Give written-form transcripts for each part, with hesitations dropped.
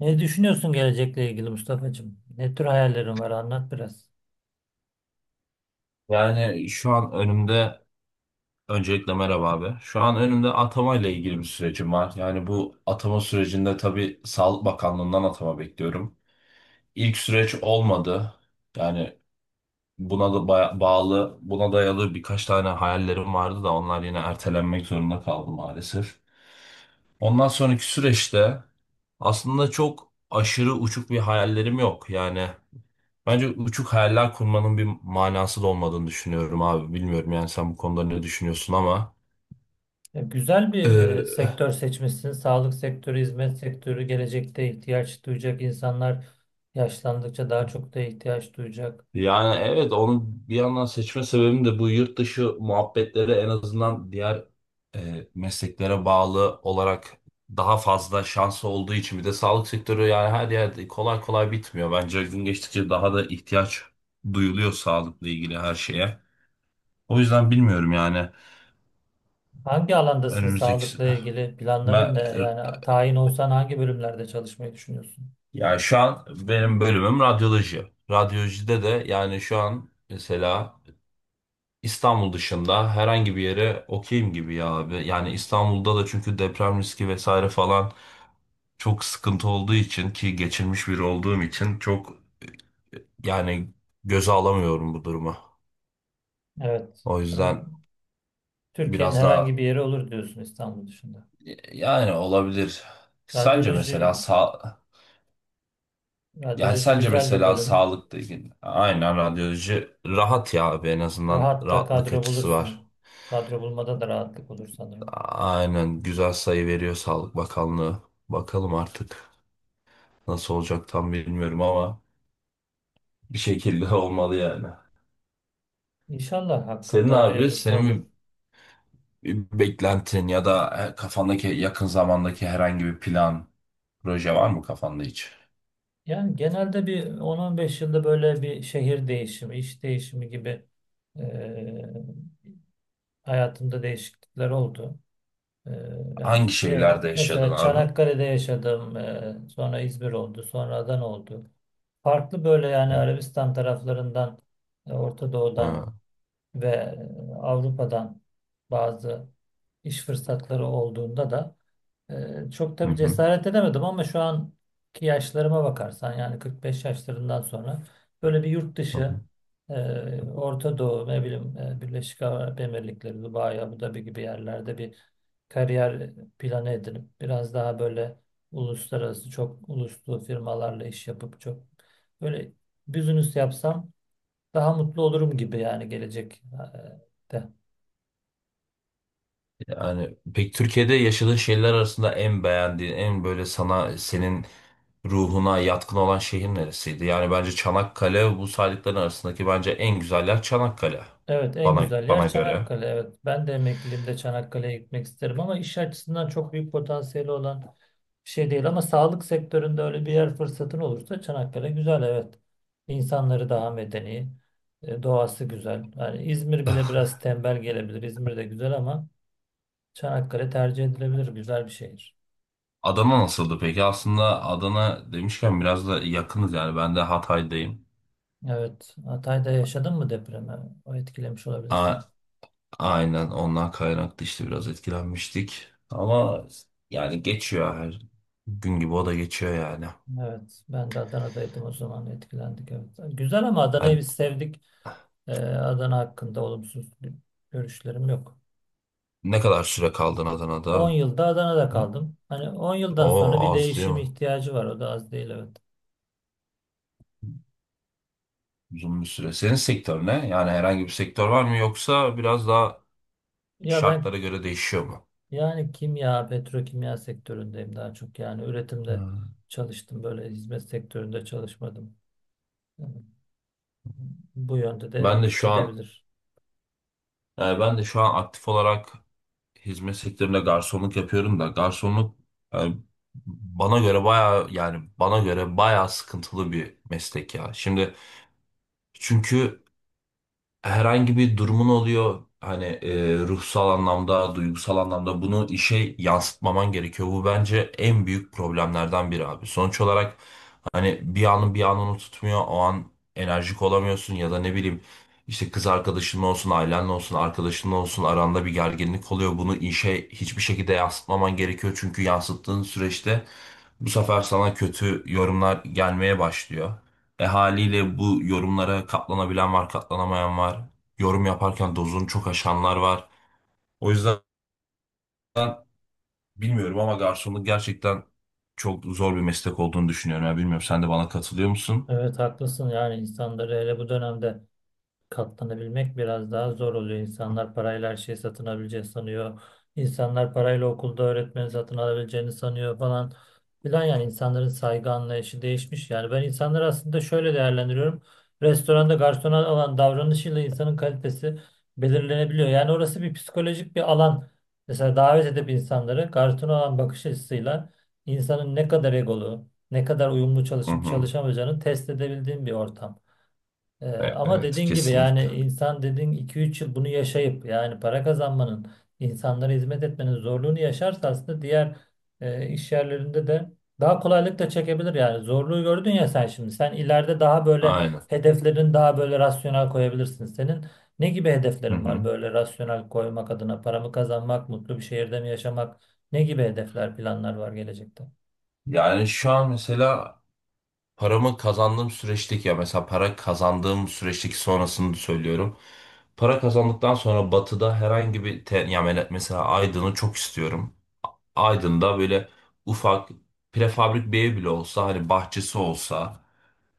Ne düşünüyorsun gelecekle ilgili Mustafa'cığım? Ne tür hayallerin var? Anlat biraz. Yani şu an önümde Öncelikle merhaba abi. Şu an önümde atama ile ilgili bir sürecim var. Yani bu atama sürecinde tabii Sağlık Bakanlığı'ndan atama bekliyorum. İlk süreç olmadı. Yani Buna da bağlı, buna dayalı birkaç tane hayallerim vardı da onlar yine ertelenmek zorunda kaldı maalesef. Ondan sonraki süreçte aslında çok aşırı uçuk bir hayallerim yok. Bence uçuk hayaller kurmanın bir manası da olmadığını düşünüyorum abi. Bilmiyorum yani sen bu konuda ne düşünüyorsun ama. Ya güzel bir Ee, sektör seçmişsin. Sağlık sektörü, hizmet sektörü gelecekte ihtiyaç duyacak insanlar yaşlandıkça daha çok da ihtiyaç duyacak. Yani evet onu bir yandan seçme sebebim de bu yurt dışı muhabbetleri, en azından diğer mesleklere bağlı olarak daha fazla şansı olduğu için. Bir de sağlık sektörü yani her yerde kolay kolay bitmiyor. Bence gün geçtikçe daha da ihtiyaç duyuluyor sağlıkla ilgili her şeye. O yüzden bilmiyorum yani. Hangi alandasın Önümüzdeki sağlıkla ilgili? ben Planların ne? Yani tayin olsan hangi bölümlerde çalışmayı düşünüyorsun? Ya şu an benim bölümüm radyoloji. Radyolojide de yani şu an mesela İstanbul dışında herhangi bir yere okeyim gibi ya abi. Yani İstanbul'da da çünkü deprem riski vesaire falan çok sıkıntı olduğu için, ki geçirmiş biri olduğum için, çok yani göze alamıyorum bu durumu. Evet. O yüzden Ben- Türkiye'nin biraz herhangi daha bir yeri olur diyorsun İstanbul dışında. yani olabilir. Sence mesela Radyoloji, sağ Yani radyoloji sence güzel bir mesela bölüm. sağlıkla ilgili aynen radyoloji rahat ya abi, en azından Rahat da rahatlık kadro açısı bulursun. var. Kadro bulmada da rahatlık olur sanırım. Aynen, güzel sayı veriyor Sağlık Bakanlığı. Bakalım artık nasıl olacak, tam bilmiyorum ama bir şekilde olmalı yani. İnşallah Senin hakkında abi, hayırlısı olur. senin bir beklentin ya da kafandaki yakın zamandaki herhangi bir plan, proje var mı kafanda hiç? Yani genelde bir 10 beş yılda böyle bir şehir değişimi, iş değişimi gibi eee, hayatımda değişiklikler oldu. Yani Hangi diyelim, şeylerde yaşadın mesela abi? Çanakkale'de yaşadım, sonra İzmir oldu, sonra Adana oldu. Farklı böyle yani Arabistan taraflarından, Orta Doğu'dan Ha, ve Avrupa'dan bazı iş fırsatları olduğunda da çok hı tabii hı, cesaret edemedim ama şu anki yaşlarıma bakarsan yani 45 yaşlarından sonra böyle bir yurt hı hı. dışı Orta Doğu ne bileyim Birleşik Arap Emirlikleri, Dubai, Abu Dhabi gibi yerlerde bir kariyer planı edinip biraz daha böyle uluslararası çok uluslu firmalarla iş yapıp çok böyle business yapsam daha mutlu olurum gibi yani gelecek de. Yani pek Türkiye'de yaşadığın şeyler arasında en beğendiğin, en böyle sana, senin ruhuna yatkın olan şehir neresiydi? Yani bence Çanakkale bu saydıkların arasındaki bence en güzel yer Çanakkale. Evet en Bana güzel yer bana göre. Çanakkale. Evet ben de emekliliğimde Çanakkale'ye gitmek isterim ama iş açısından çok büyük potansiyeli olan bir şey değil. Ama sağlık sektöründe öyle bir yer fırsatın olursa Çanakkale güzel, evet. İnsanları daha medeni, doğası güzel. Yani İzmir bile biraz tembel gelebilir. İzmir de güzel ama Çanakkale tercih edilebilir güzel bir şehir. Adana nasıldı peki? Aslında Adana demişken biraz da yakınız yani ben de Hatay'dayım. Evet, Hatay'da yaşadın mı depremi? O etkilemiş A olabilirsin. aynen, ondan kaynaklı işte biraz etkilenmiştik. Ama yani geçiyor her gün gibi o da geçiyor yani. Evet ben de Adana'daydım o zaman, etkilendik evet. Güzel ama Adana'yı Yani biz sevdik. Adana hakkında olumsuz bir görüşlerim yok. ne kadar süre kaldın 10 Adana'da? yılda Adana'da kaldım. Hani 10 yıldan O sonra bir az değil değişim mi? ihtiyacı var. O da az değil, evet. Uzun bir süre. Senin sektör ne? Yani herhangi bir sektör var mı yoksa biraz daha Ya ben şartlara göre değişiyor mu? yani kimya, petrokimya sektöründeyim daha çok. Yani üretimde Hmm. çalıştım. Böyle hizmet sektöründe çalışmadım. Yani bu yönde de Ben de şu an gidebilir. Ben de şu an aktif olarak hizmet sektöründe garsonluk yapıyorum da garsonluk yani bana göre bayağı sıkıntılı bir meslek ya. Şimdi çünkü herhangi bir durumun oluyor hani, ruhsal anlamda, duygusal anlamda bunu işe yansıtmaman gerekiyor. Bu bence en büyük problemlerden biri abi. Sonuç olarak hani bir anın bir anını tutmuyor, o an enerjik olamıyorsun ya da ne bileyim işte kız arkadaşın olsun, ailenle olsun, arkadaşın olsun, aranda bir gerginlik oluyor. Bunu işe hiçbir şekilde yansıtmaman gerekiyor çünkü yansıttığın süreçte bu sefer sana kötü yorumlar gelmeye başlıyor. E haliyle bu yorumlara katlanabilen var, katlanamayan var. Yorum yaparken dozunu çok aşanlar var. O yüzden bilmiyorum ama garsonluk gerçekten çok zor bir meslek olduğunu düşünüyorum. Ya bilmiyorum, sen de bana katılıyor musun? Evet haklısın, yani insanları hele bu dönemde katlanabilmek biraz daha zor oluyor. İnsanlar parayla her şeyi satın alabileceğini sanıyor. İnsanlar parayla okulda öğretmeni satın alabileceğini sanıyor falan filan. Yani insanların saygı anlayışı değişmiş. Yani ben insanları aslında şöyle değerlendiriyorum. Restoranda garsona olan davranışıyla insanın kalitesi belirlenebiliyor. Yani orası bir psikolojik bir alan. Mesela davet edip insanları garsona olan bakış açısıyla insanın ne kadar egolu, ne kadar uyumlu Hı çalışıp hı. çalışamayacağını test edebildiğim bir ortam. Ama Evet, dediğin gibi kesinlikle. yani insan dediğin iki üç yıl bunu yaşayıp yani para kazanmanın, insanlara hizmet etmenin zorluğunu yaşarsa aslında diğer iş yerlerinde de daha kolaylıkla çekebilir yani. Zorluğu gördün ya sen şimdi. Sen ileride daha böyle Aynen. hedeflerin daha böyle rasyonel koyabilirsin. Senin ne gibi Hı hedeflerin var hı. böyle rasyonel koymak adına? Para mı kazanmak, mutlu bir şehirde mi yaşamak? Ne gibi hedefler, planlar var gelecekte? Yani şu an mesela paramı kazandığım süreçteki ya Mesela para kazandığım süreçteki sonrasını söylüyorum. Para kazandıktan sonra Batı'da herhangi bir mesela Aydın'ı çok istiyorum. Aydın'da böyle ufak prefabrik bir ev bile olsa, hani bahçesi olsa,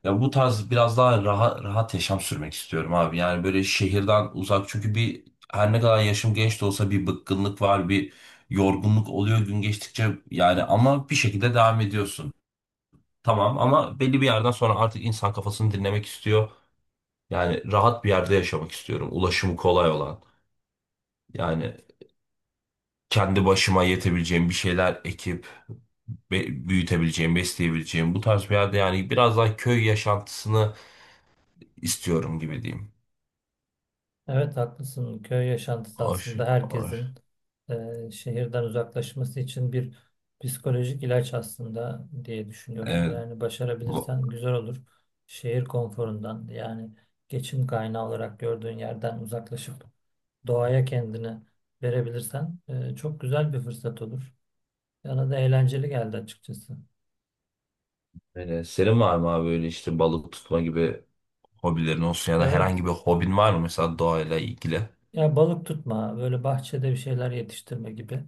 ya bu tarz biraz daha rahat, rahat yaşam sürmek istiyorum abi. Yani böyle şehirden uzak, çünkü bir, her ne kadar yaşım genç de olsa bir bıkkınlık var, bir yorgunluk oluyor gün geçtikçe yani, ama bir şekilde devam ediyorsun. Tamam ama belli bir yerden sonra artık insan kafasını dinlemek istiyor. Yani rahat bir yerde yaşamak istiyorum. Ulaşımı kolay olan. Yani kendi başıma yetebileceğim bir şeyler ekip büyütebileceğim, besleyebileceğim bu tarz bir yerde, yani biraz daha köy yaşantısını istiyorum gibi diyeyim. Evet haklısın. Köy yaşantısı Hoş, aslında hoş. herkesin şehirden uzaklaşması için bir psikolojik ilaç aslında diye düşünüyorum. Evet. Yani Bu, başarabilirsen güzel olur. Şehir konforundan yani geçim kaynağı olarak gördüğün yerden uzaklaşıp doğaya kendini verebilirsen çok güzel bir fırsat olur. Bana da eğlenceli geldi açıkçası. öyle. Senin var mı abi böyle işte balık tutma gibi hobilerin olsun ya da herhangi Evet. bir hobin var mı mesela doğayla ilgili? Ya balık tutma, böyle bahçede bir şeyler yetiştirme gibi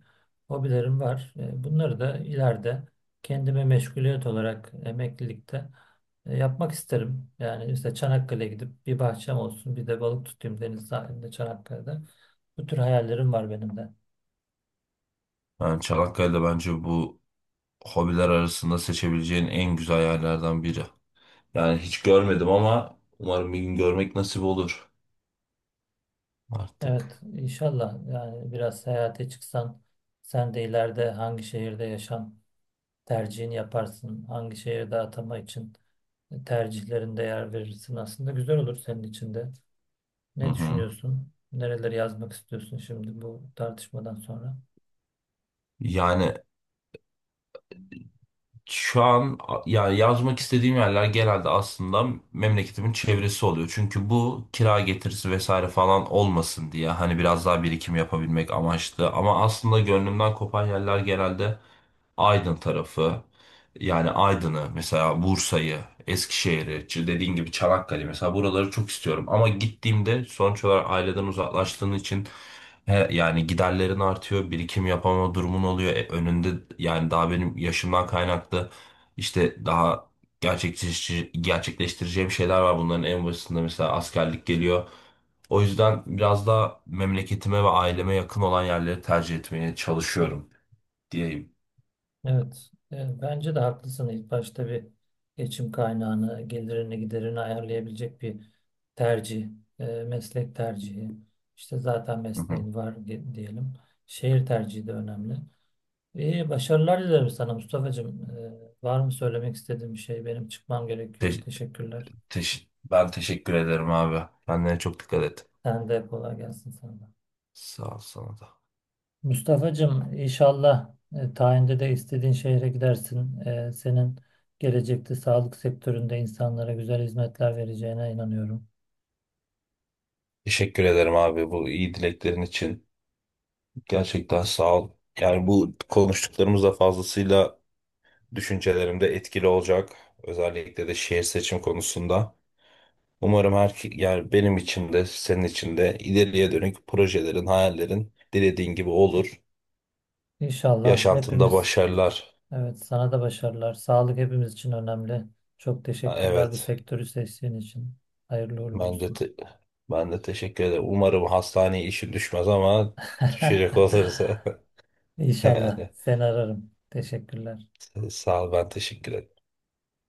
hobilerim var. E, bunları da ileride kendime meşguliyet olarak emeklilikte yapmak isterim. Yani işte Çanakkale'ye gidip bir bahçem olsun, bir de balık tutayım deniz sahilinde Çanakkale'de. Bu tür hayallerim var benim de. Yani Çanakkale'de bence bu hobiler arasında seçebileceğin en güzel yerlerden biri. Yani hiç görmedim ama umarım bir gün görmek nasip olur artık. Evet, inşallah yani biraz seyahate çıksan sen de ileride hangi şehirde yaşam tercihini yaparsın, hangi şehirde atama için tercihlerinde yer verirsin, aslında güzel olur senin için de. Hı Ne hı. düşünüyorsun? Nereleri yazmak istiyorsun şimdi bu tartışmadan sonra? Yani Şu an a- yani Yazmak istediğim yerler genelde aslında memleketimin çevresi oluyor. Çünkü bu kira getirisi vesaire falan olmasın diye, hani biraz daha birikim yapabilmek amaçlı. Ama aslında gönlümden kopan yerler genelde Aydın tarafı. Yani Aydın'ı mesela, Bursa'yı, Eskişehir'i, dediğin gibi Çanakkale mesela, buraları çok istiyorum. Ama gittiğimde sonuç olarak aileden uzaklaştığın için, he, yani giderlerin artıyor, birikim yapamama durumun oluyor. E, önünde yani daha benim yaşımdan kaynaklı işte daha gerçekleştireceğim şeyler var. Bunların en başında mesela askerlik geliyor. O yüzden biraz daha memleketime ve aileme yakın olan yerleri tercih etmeye çalışıyorum diyeyim. Evet, bence de haklısın. İlk başta bir geçim kaynağını, gelirini, giderini ayarlayabilecek bir tercih, meslek tercihi. İşte zaten Hı hı. mesleğin var diyelim. Şehir tercihi de önemli. İyi, başarılar dilerim sana Mustafa'cığım. Var mı söylemek istediğin bir şey? Benim çıkmam gerekiyor. Te- Teşekkürler. Ben teşekkür ederim abi. Kendine çok dikkat et. Sen de kolay gelsin sana. Sağ ol, sana da. Mustafa'cığım inşallah tayinde de istediğin şehre gidersin. E, senin gelecekte sağlık sektöründe insanlara güzel hizmetler vereceğine inanıyorum. Teşekkür ederim abi bu iyi dileklerin için. Gerçekten sağ ol. Yani bu konuştuklarımız da fazlasıyla düşüncelerimde etkili olacak. Özellikle de şehir seçim konusunda. Umarım her, yani benim için de senin için de ileriye dönük projelerin, hayallerin dilediğin gibi olur. İnşallah Yaşantında hepimiz, başarılar. evet sana da başarılar. Sağlık hepimiz için önemli. Çok Ha, teşekkürler bu evet. sektörü seçtiğin için. Hayırlı uğurlu Ben de olsun. te- Ben de teşekkür ederim. Umarım hastaneye işin düşmez ama düşecek olursa İnşallah yani seni ararım. Teşekkürler. sağ ol, ben teşekkür ederim.